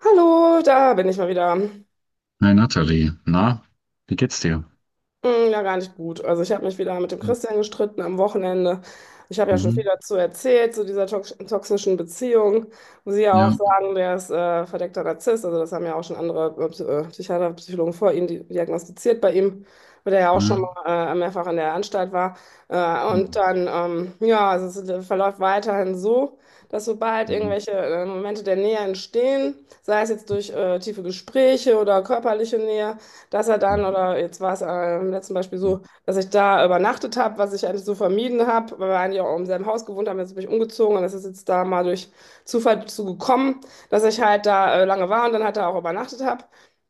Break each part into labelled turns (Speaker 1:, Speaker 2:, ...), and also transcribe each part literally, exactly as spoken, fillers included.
Speaker 1: Hallo, da bin ich mal wieder.
Speaker 2: Hi Nathalie, na, wie geht's dir?
Speaker 1: Hm, ja, gar nicht gut. Also ich habe mich wieder mit dem Christian gestritten am Wochenende. Ich habe ja schon viel
Speaker 2: Mhm.
Speaker 1: dazu erzählt, zu dieser tox toxischen Beziehung, wo Sie ja auch
Speaker 2: Ja.
Speaker 1: sagen, der ist äh, verdeckter Narzisst. Also das haben ja auch schon andere äh, Psy- äh, Psychiater, Psychologen vor ihm di- diagnostiziert bei ihm, weil der ja auch schon
Speaker 2: Mhm.
Speaker 1: mal äh, mehrfach in der Anstalt war. Äh, und
Speaker 2: Mhm.
Speaker 1: dann, ähm, ja, also es äh, verläuft weiterhin so, dass sobald irgendwelche äh, Momente der Nähe entstehen, sei es jetzt durch äh, tiefe Gespräche oder körperliche Nähe, dass er dann,
Speaker 2: Mhm.
Speaker 1: oder jetzt war es äh, im letzten Beispiel so, dass ich da übernachtet habe, was ich eigentlich so vermieden habe, weil wir eigentlich auch im selben Haus gewohnt haben. Jetzt bin ich umgezogen und das ist jetzt da mal durch Zufall zu gekommen, dass ich halt da äh, lange war und dann halt da auch übernachtet habe.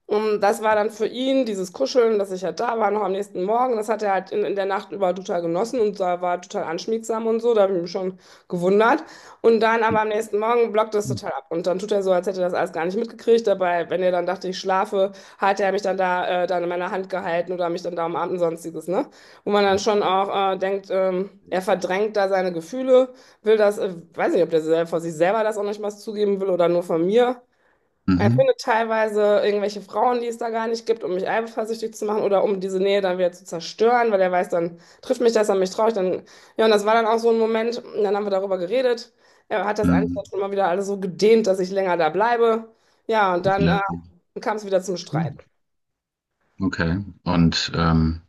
Speaker 1: Und das war dann für ihn dieses Kuscheln, dass ich halt da war, noch am nächsten Morgen. Das hat er halt in, in der Nacht über total genossen und da war total anschmiegsam und so. Da habe ich mich schon gewundert. Und dann aber am nächsten Morgen blockt das total ab. Und dann tut er so, als hätte er das alles gar nicht mitgekriegt. Dabei, wenn er dann dachte, ich schlafe, hat er mich dann da äh, dann in meiner Hand gehalten oder mich dann da umarmt und sonstiges, ne? Wo man dann schon auch äh, denkt, ähm, er verdrängt da seine Gefühle, will das, äh, weiß nicht, ob der sel- vor sich selber das auch nicht mal zugeben will oder nur von mir. Er findet teilweise irgendwelche Frauen, die es da gar nicht gibt, um mich eifersüchtig zu machen oder um diese Nähe dann wieder zu zerstören, weil er weiß, dann trifft mich das, an mich traurig, dann, ja, und das war dann auch so ein Moment, und dann haben wir darüber geredet. Er hat das einfach
Speaker 2: Mhm.
Speaker 1: schon mal wieder alles so gedehnt, dass ich länger da bleibe. Ja, und dann äh,
Speaker 2: Ja.
Speaker 1: kam es wieder zum Streit.
Speaker 2: Okay. Und ähm,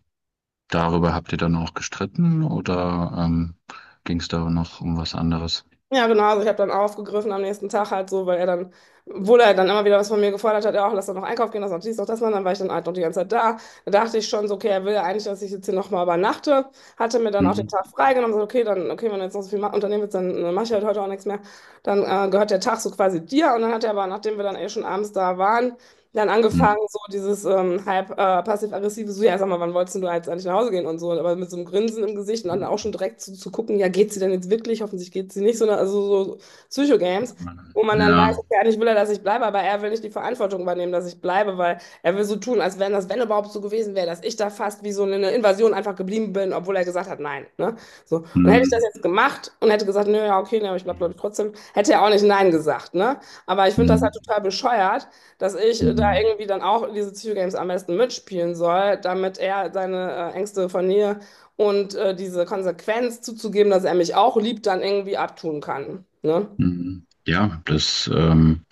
Speaker 2: Darüber habt ihr dann auch gestritten oder ähm, ging es da noch um was anderes?
Speaker 1: Ja, genau. Also ich habe dann aufgegriffen am nächsten Tag halt so, weil er dann, obwohl er dann immer wieder was von mir gefordert hat, ja, auch lass doch noch einkaufen gehen, lass noch dies, noch das machen, dann war ich dann halt noch die ganze Zeit da. Da dachte ich schon so, okay, er will ja eigentlich, dass ich jetzt hier nochmal übernachte. Hatte mir dann auch den
Speaker 2: Mhm.
Speaker 1: Tag freigenommen, so, okay, dann, okay, wenn du jetzt noch so viel ma- unternehmen willst, dann äh, mach ich halt heute auch nichts mehr. Dann äh, gehört der Tag so quasi dir. Und dann hat er aber, nachdem wir dann eh schon abends da waren, dann angefangen,
Speaker 2: Mhm.
Speaker 1: so dieses ähm, halb äh, passiv-aggressive, so, ja, sag mal, wann wolltest denn du jetzt eigentlich nach Hause gehen und so, aber mit so einem Grinsen im Gesicht und dann auch schon direkt zu, zu gucken, ja, geht sie denn jetzt wirklich? Hoffentlich geht sie nicht, sondern also so so Psycho-Games, wo man dann
Speaker 2: Ja.
Speaker 1: weiß, okay, eigentlich will er, dass ich bleibe, aber er will nicht die Verantwortung übernehmen, dass ich bleibe, weil er will so tun, als wenn das, wenn überhaupt so gewesen wäre, dass ich da fast wie so eine Invasion einfach geblieben bin, obwohl er gesagt hat, nein, ne? So. Und hätte ich das
Speaker 2: Mhm.
Speaker 1: jetzt gemacht und hätte gesagt, nö, ja, okay, ne, aber ich bleib, glaube ich, trotzdem, hätte er auch nicht nein gesagt, ne? Aber ich finde das halt
Speaker 2: Mhm.
Speaker 1: total bescheuert, dass ich da
Speaker 2: Mhm.
Speaker 1: irgendwie dann auch diese Psycho-Games am besten mitspielen soll, damit er seine äh, Ängste von mir und äh, diese Konsequenz zuzugeben, dass er mich auch liebt, dann irgendwie abtun kann. Ne?
Speaker 2: Mhm. Ja, das ähm,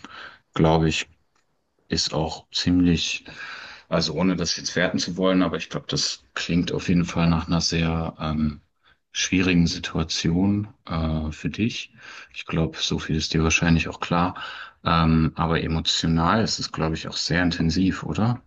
Speaker 2: glaube ich ist auch ziemlich. Also ohne das jetzt werten zu wollen, aber ich glaube, das klingt auf jeden Fall nach einer sehr ähm, schwierigen Situation äh, für dich. Ich glaube, so viel ist dir wahrscheinlich auch klar. Ähm, aber emotional ist es, glaube ich, auch sehr intensiv, oder?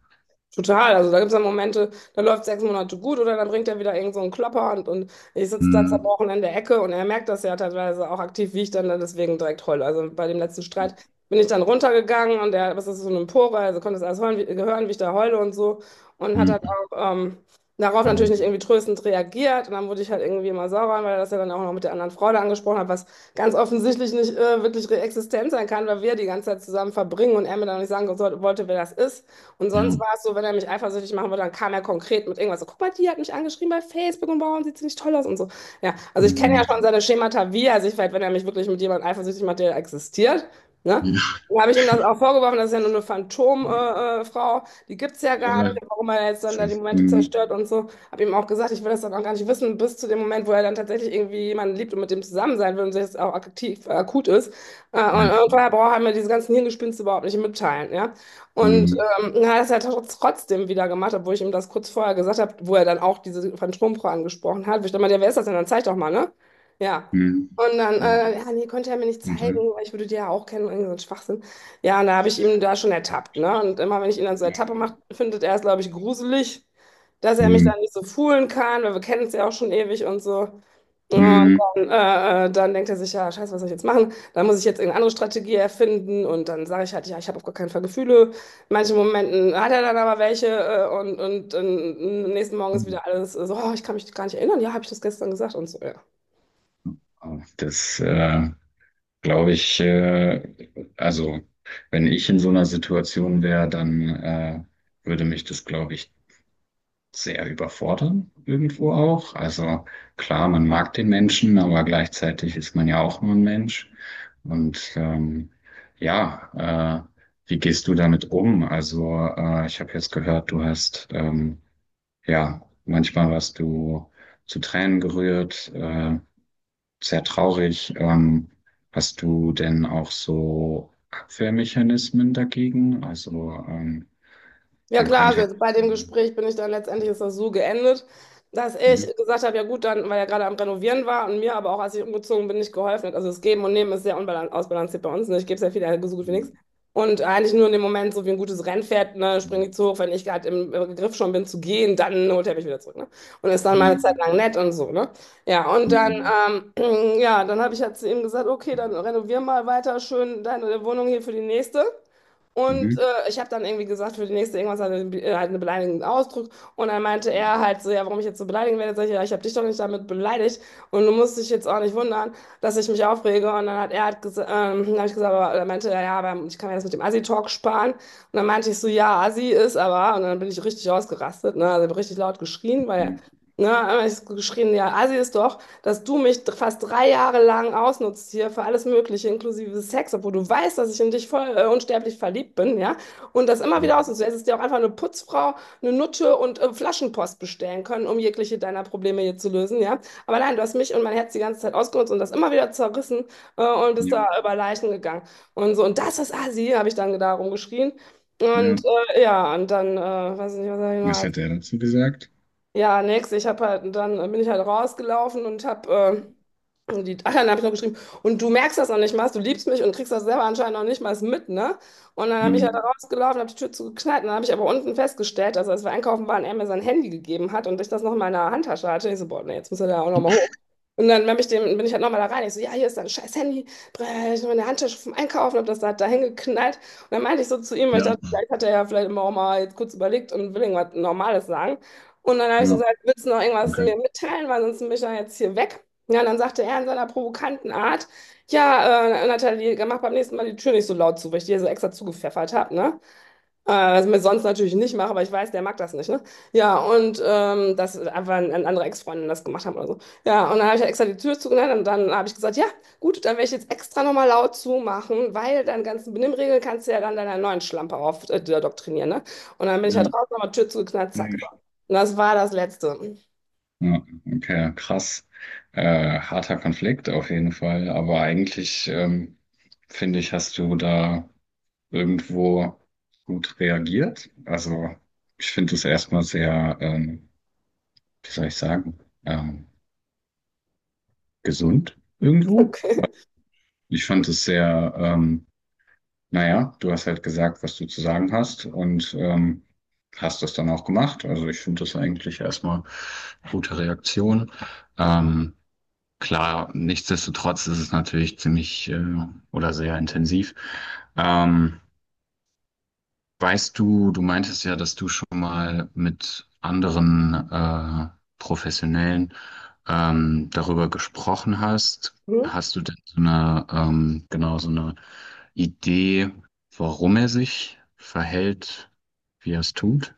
Speaker 1: Total, also da gibt es dann Momente, da läuft sechs Monate gut oder dann bringt er wieder irgend so einen Klopper und, und ich sitze da
Speaker 2: Hm.
Speaker 1: zerbrochen in der Ecke und er merkt das ja teilweise auch aktiv, wie ich dann da deswegen direkt heule. Also bei dem letzten Streit bin ich dann runtergegangen und er was ist das, so eine Empore, also konnte das alles hören, wie, hören, wie ich da heule und so und hat dann
Speaker 2: Hm.
Speaker 1: auch ähm, darauf natürlich nicht
Speaker 2: Hm.
Speaker 1: irgendwie tröstend reagiert und dann wurde ich halt irgendwie immer sauer, weil er das ja dann auch noch mit der anderen Frau da angesprochen hat, was ganz offensichtlich nicht äh, wirklich existent sein kann, weil wir die ganze Zeit zusammen verbringen und er mir dann nicht sagen sollte- wollte, wer das ist. Und
Speaker 2: Ja.
Speaker 1: sonst war es so, wenn er mich eifersüchtig machen wollte, dann kam er konkret mit irgendwas so, guck mal, die hat mich angeschrieben bei Facebook und warum sieht sie nicht toll aus und so. Ja, also ich kenne ja schon
Speaker 2: Hm.
Speaker 1: seine Schemata, wie er sich verhält, wenn er mich wirklich mit jemandem eifersüchtig macht, der existiert, ne?
Speaker 2: Ja.
Speaker 1: Dann habe ich ihm das auch vorgeworfen, das ist ja nur eine Phantomfrau, äh, äh, Frau, die gibt es ja
Speaker 2: Ja,
Speaker 1: gar nicht, und
Speaker 2: das
Speaker 1: warum er jetzt dann da die
Speaker 2: ist-
Speaker 1: Momente
Speaker 2: hm.
Speaker 1: zerstört und so. Habe ihm auch gesagt, ich will das dann auch gar nicht wissen, bis zu dem Moment, wo er dann tatsächlich irgendwie jemanden liebt und mit dem zusammen sein will und sich das auch aktiv, äh, akut ist. Äh,
Speaker 2: Ja,
Speaker 1: und, und
Speaker 2: klar.
Speaker 1: vorher braucht er mir diese ganzen Hirngespinste überhaupt nicht mitteilen, ja. Und
Speaker 2: Hm.
Speaker 1: ähm, na, das hat er es ja tr- trotzdem wieder gemacht, obwohl ich ihm das kurz vorher gesagt habe, wo er dann auch diese Phantomfrau angesprochen hat. Wo ich dann meinte, ja, wer ist das denn? Dann zeig doch mal, ne? Ja.
Speaker 2: Hm.
Speaker 1: Und dann,
Speaker 2: Ja.
Speaker 1: äh, ja, nee, konnte er mir nicht
Speaker 2: Und
Speaker 1: zeigen,
Speaker 2: dann?
Speaker 1: weil ich würde die ja auch kennen, irgendwie so ein Schwachsinn. Ja, und da habe ich ihn da schon ertappt, ne? Und immer, wenn ich ihn dann so ertappe mache, findet er es, glaube ich, gruselig, dass er mich
Speaker 2: Hm.
Speaker 1: da nicht so foolen kann, weil wir kennen es ja auch schon ewig und so. Ja,
Speaker 2: Hm.
Speaker 1: und dann, äh, äh, dann denkt er sich, ja, scheiße, was soll ich jetzt machen? Dann muss ich jetzt irgendeine andere Strategie erfinden und dann sage ich halt, ja, ich habe auf gar keinen Fall Gefühle. In manchen Momenten hat er dann aber welche äh, und, und, und am nächsten Morgen ist wieder alles so, oh, ich kann mich gar nicht erinnern, ja, habe ich das gestern gesagt und so, ja.
Speaker 2: Ah, Das, äh, glaube ich, äh, also wenn ich in so einer Situation wäre, dann äh, würde mich das, glaube ich, sehr überfordern, irgendwo auch. Also klar, man mag den Menschen, aber gleichzeitig ist man ja auch nur ein Mensch. Und ähm, ja, äh, wie gehst du damit um? Also äh, ich habe jetzt gehört, du hast ähm, ja manchmal warst du zu Tränen gerührt. Äh, sehr traurig. Ähm, hast du denn auch so Abwehrmechanismen dagegen? Also ähm,
Speaker 1: Ja
Speaker 2: man
Speaker 1: klar,
Speaker 2: könnte.
Speaker 1: also bei dem
Speaker 2: Mhm.
Speaker 1: Gespräch bin ich dann letztendlich ist das so geendet, dass
Speaker 2: Mhm.
Speaker 1: ich gesagt habe, ja gut, dann, weil er gerade am Renovieren war und mir aber auch, als ich umgezogen bin, nicht geholfen hat. Also das Geben und Nehmen ist sehr unbalan- ausbalanciert bei uns. Ne? Ich gebe sehr viel, er gibt so gut wie nichts. Und eigentlich nur in dem Moment, so wie ein gutes Rennpferd, ne, springe ich zu hoch, wenn ich gerade im äh, Griff schon bin zu gehen, dann holt er mich wieder zurück. Ne? Und ist dann mal eine Zeit
Speaker 2: Mhm.
Speaker 1: lang nett und so. Ne? Ja, und dann,
Speaker 2: Mhm.
Speaker 1: ähm, ja, dann habe ich halt zu ihm gesagt, okay, dann renovier mal weiter schön deine Wohnung hier für die nächste. Und äh, ich habe dann irgendwie gesagt, für die nächste irgendwas halt, eine- äh, halt einen beleidigenden Ausdruck. Und dann meinte er halt so, ja, warum ich jetzt so beleidigen werde. Sag ich, ja, ich habe dich doch nicht damit beleidigt. Und du musst dich jetzt auch nicht wundern, dass ich mich aufrege. Und dann hat er halt gesagt, ähm, dann hab ich gesagt, aber dann meinte er, ja, aber ich kann mir das mit dem Assi-Talk sparen. Und dann meinte ich so, ja, Assi ist aber. Und dann bin ich richtig ausgerastet, ne? Also ich hab richtig laut geschrien, weil,
Speaker 2: Mhm.
Speaker 1: ne, ich hab geschrien, ja, Assi ist doch, dass du mich dr- fast drei Jahre lang ausnutzt hier für alles Mögliche, inklusive Sex, obwohl du weißt, dass ich in dich voll äh, unsterblich verliebt bin, ja? Und das immer wieder
Speaker 2: Mhm.
Speaker 1: ausnutzt. Du hättest dir auch einfach eine Putzfrau, eine Nutte und äh, Flaschenpost bestellen können, um jegliche deiner Probleme hier zu lösen, ja? Aber nein, du hast mich und mein Herz die ganze Zeit ausgenutzt und das immer wieder zerrissen, äh, und bist
Speaker 2: Ja,
Speaker 1: da über Leichen gegangen. Und so, und das ist Assi, habe ich dann da rumgeschrien. Und
Speaker 2: ja.
Speaker 1: äh, ja, und dann, äh, weiß ich nicht, was sag
Speaker 2: Was
Speaker 1: ich
Speaker 2: hat
Speaker 1: noch?
Speaker 2: er dazu gesagt?
Speaker 1: Ja, nix, ich habe halt, dann bin ich halt rausgelaufen und habe und die, ach ja, dann habe ich noch geschrieben. Und du merkst das noch nicht mal, du liebst mich und kriegst das selber anscheinend noch nicht mal mit, ne? Und dann habe ich ja da
Speaker 2: Mhm.
Speaker 1: rausgelaufen, habe die Tür zugeknallt und dann habe ich aber unten festgestellt, also als wir einkaufen waren, er mir sein Handy gegeben hat und ich das noch in meiner Handtasche hatte. Ich so, boah, nee, jetzt muss er da auch noch mal hoch. Und dann hab ich dem, bin ich halt nochmal da rein. Ich so, ja, hier ist dein scheiß Handy. Brr, ich habe meine Handtasche vom Einkaufen, habe das da, da hingeknallt. Und dann meinte ich so zu ihm, weil ich
Speaker 2: Ja,
Speaker 1: dachte, vielleicht hat er ja vielleicht immer auch mal jetzt kurz überlegt und will irgendwas Normales sagen. Und dann habe ich so
Speaker 2: ja,
Speaker 1: gesagt, willst du noch irgendwas mir
Speaker 2: okay.
Speaker 1: mitteilen, weil sonst bin ich dann jetzt hier weg. Ja, und dann sagte er in seiner provokanten Art, ja, äh, Nathalie, mach beim nächsten Mal die Tür nicht so laut zu, weil ich dir so extra zugepfeffert habe, ne? Äh, was ich mir sonst natürlich nicht mache, aber ich weiß, der mag das nicht, ne? Ja, und ähm, dass einfach ein, ein andere Ex-Freundin das gemacht haben oder so. Ja, und dann habe ich halt extra die Tür zugemacht und dann habe ich gesagt, ja, gut, dann werde ich jetzt extra nochmal laut zumachen, weil deine ganzen Benimmregeln kannst du ja dann deiner neuen Schlampe auf äh, doktrinieren, ne? Und dann bin ich halt
Speaker 2: Ja,
Speaker 1: draußen nochmal Tür zugeknallt, zack,
Speaker 2: nee.
Speaker 1: so. Und das war das Letzte.
Speaker 2: Ja, okay, krass. Äh, harter Konflikt auf jeden Fall, aber eigentlich ähm, finde ich, hast du da irgendwo gut reagiert. Also ich finde es erstmal sehr, ähm, wie soll ich sagen, ähm, gesund irgendwo.
Speaker 1: Okay.
Speaker 2: Ich fand es sehr, ähm, naja, du hast halt gesagt, was du zu sagen hast und ähm, hast das dann auch gemacht. Also ich finde das eigentlich erstmal gute Reaktion. Ähm, klar, nichtsdestotrotz ist es natürlich ziemlich äh, oder sehr intensiv. Ähm, Weißt du, du meintest ja, dass du schon mal mit anderen äh, Professionellen ähm, darüber gesprochen hast.
Speaker 1: Hm?
Speaker 2: Hast du denn so eine, ähm, genau so eine Idee, warum er sich verhält, wie er es tut?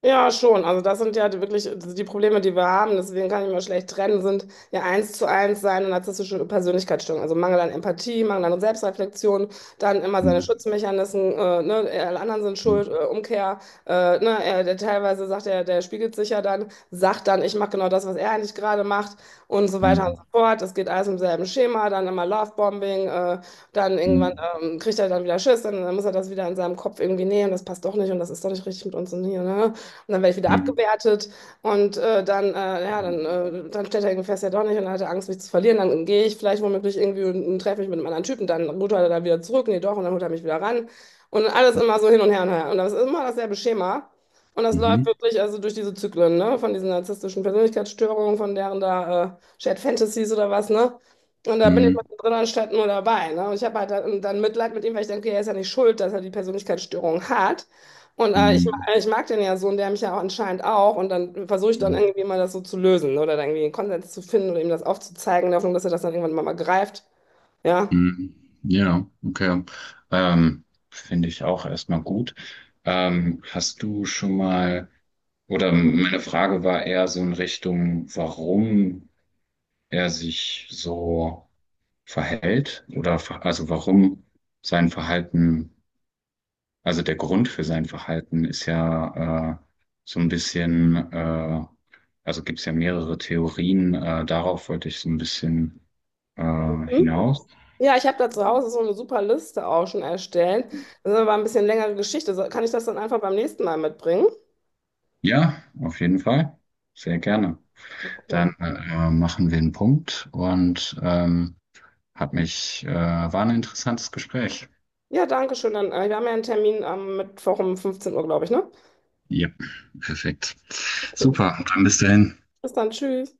Speaker 1: Ja, schon. Also das sind ja die- wirklich also, die Probleme, die wir haben. Deswegen kann ich mir schlecht trennen, sind ja eins zu eins seine narzisstische Persönlichkeitsstörung. Also Mangel an Empathie, Mangel an Selbstreflexion, dann immer seine
Speaker 2: Mhm.
Speaker 1: Schutzmechanismen, äh, ne, äh, alle anderen sind schuld, äh, Umkehr, äh, ne, er, der teilweise sagt er, der spiegelt sich ja dann, sagt dann, ich mache genau das, was er eigentlich gerade macht und so weiter und
Speaker 2: Mhm.
Speaker 1: so fort. Es geht alles im selben Schema, dann immer Lovebombing, äh, dann irgendwann
Speaker 2: Mhm.
Speaker 1: ähm, kriegt er dann wieder Schiss, dann, dann muss er das wieder in seinem Kopf irgendwie nehmen, das passt doch nicht und das ist doch nicht richtig mit uns und hier, ne? Und dann werde ich wieder
Speaker 2: Mhm.
Speaker 1: abgewertet und äh, dann, äh, ja, dann, äh, dann stellt er irgendwie fest, ja doch nicht und dann hat er Angst, mich zu verlieren. Dann gehe ich vielleicht womöglich irgendwie und, und treffe mich mit einem anderen Typen, dann holt er dann wieder zurück, nee doch, und dann holt er mich wieder ran. Und alles immer so hin und her und her. Und das ist immer dasselbe Schema. Und das läuft wirklich also durch diese Zyklen, ne? Von diesen narzisstischen Persönlichkeitsstörungen, von deren da äh, Shared Fantasies oder was, ne? Und da bin ich
Speaker 2: Mhm.
Speaker 1: drin anstatt nur dabei. Ne? Und ich habe halt dann, dann Mitleid mit ihm, weil ich denke, okay, er ist ja nicht schuld, dass er die Persönlichkeitsstörung hat. Und äh, ich,
Speaker 2: Mhm.
Speaker 1: ma- ich mag den ja so und der mich ja auch anscheinend auch. Und dann versuche ich dann irgendwie mal das so zu lösen, ne? Oder dann irgendwie einen Konsens zu finden oder ihm das aufzuzeigen, in der Hoffnung, dass er das dann irgendwann mal, mal greift. Ja.
Speaker 2: Mhm. Ja, okay. Ähm, Finde ich auch erstmal gut. Ähm, hast du schon mal Oder meine Frage war eher so in Richtung, warum er sich so verhält oder ver- also warum sein Verhalten, also der Grund für sein Verhalten ist ja äh, so ein bisschen, äh, also gibt's ja mehrere Theorien, äh, darauf wollte ich so ein bisschen äh,
Speaker 1: Hm?
Speaker 2: hinaus.
Speaker 1: Ja, ich habe da zu Hause so eine super Liste auch schon erstellt. Das ist aber ein bisschen längere Geschichte. So, kann ich das dann einfach beim nächsten Mal mitbringen?
Speaker 2: Ja, auf jeden Fall, sehr gerne.
Speaker 1: Okay.
Speaker 2: Dann äh, machen wir einen Punkt und ähm, hat mich, äh, war ein interessantes Gespräch.
Speaker 1: Ja, danke schön. Dann, äh, wir haben ja einen Termin am Mittwoch um fünfzehn Uhr, glaube ich, ne?
Speaker 2: Ja, perfekt.
Speaker 1: Okay.
Speaker 2: Super, dann bis dahin.
Speaker 1: Bis dann, tschüss.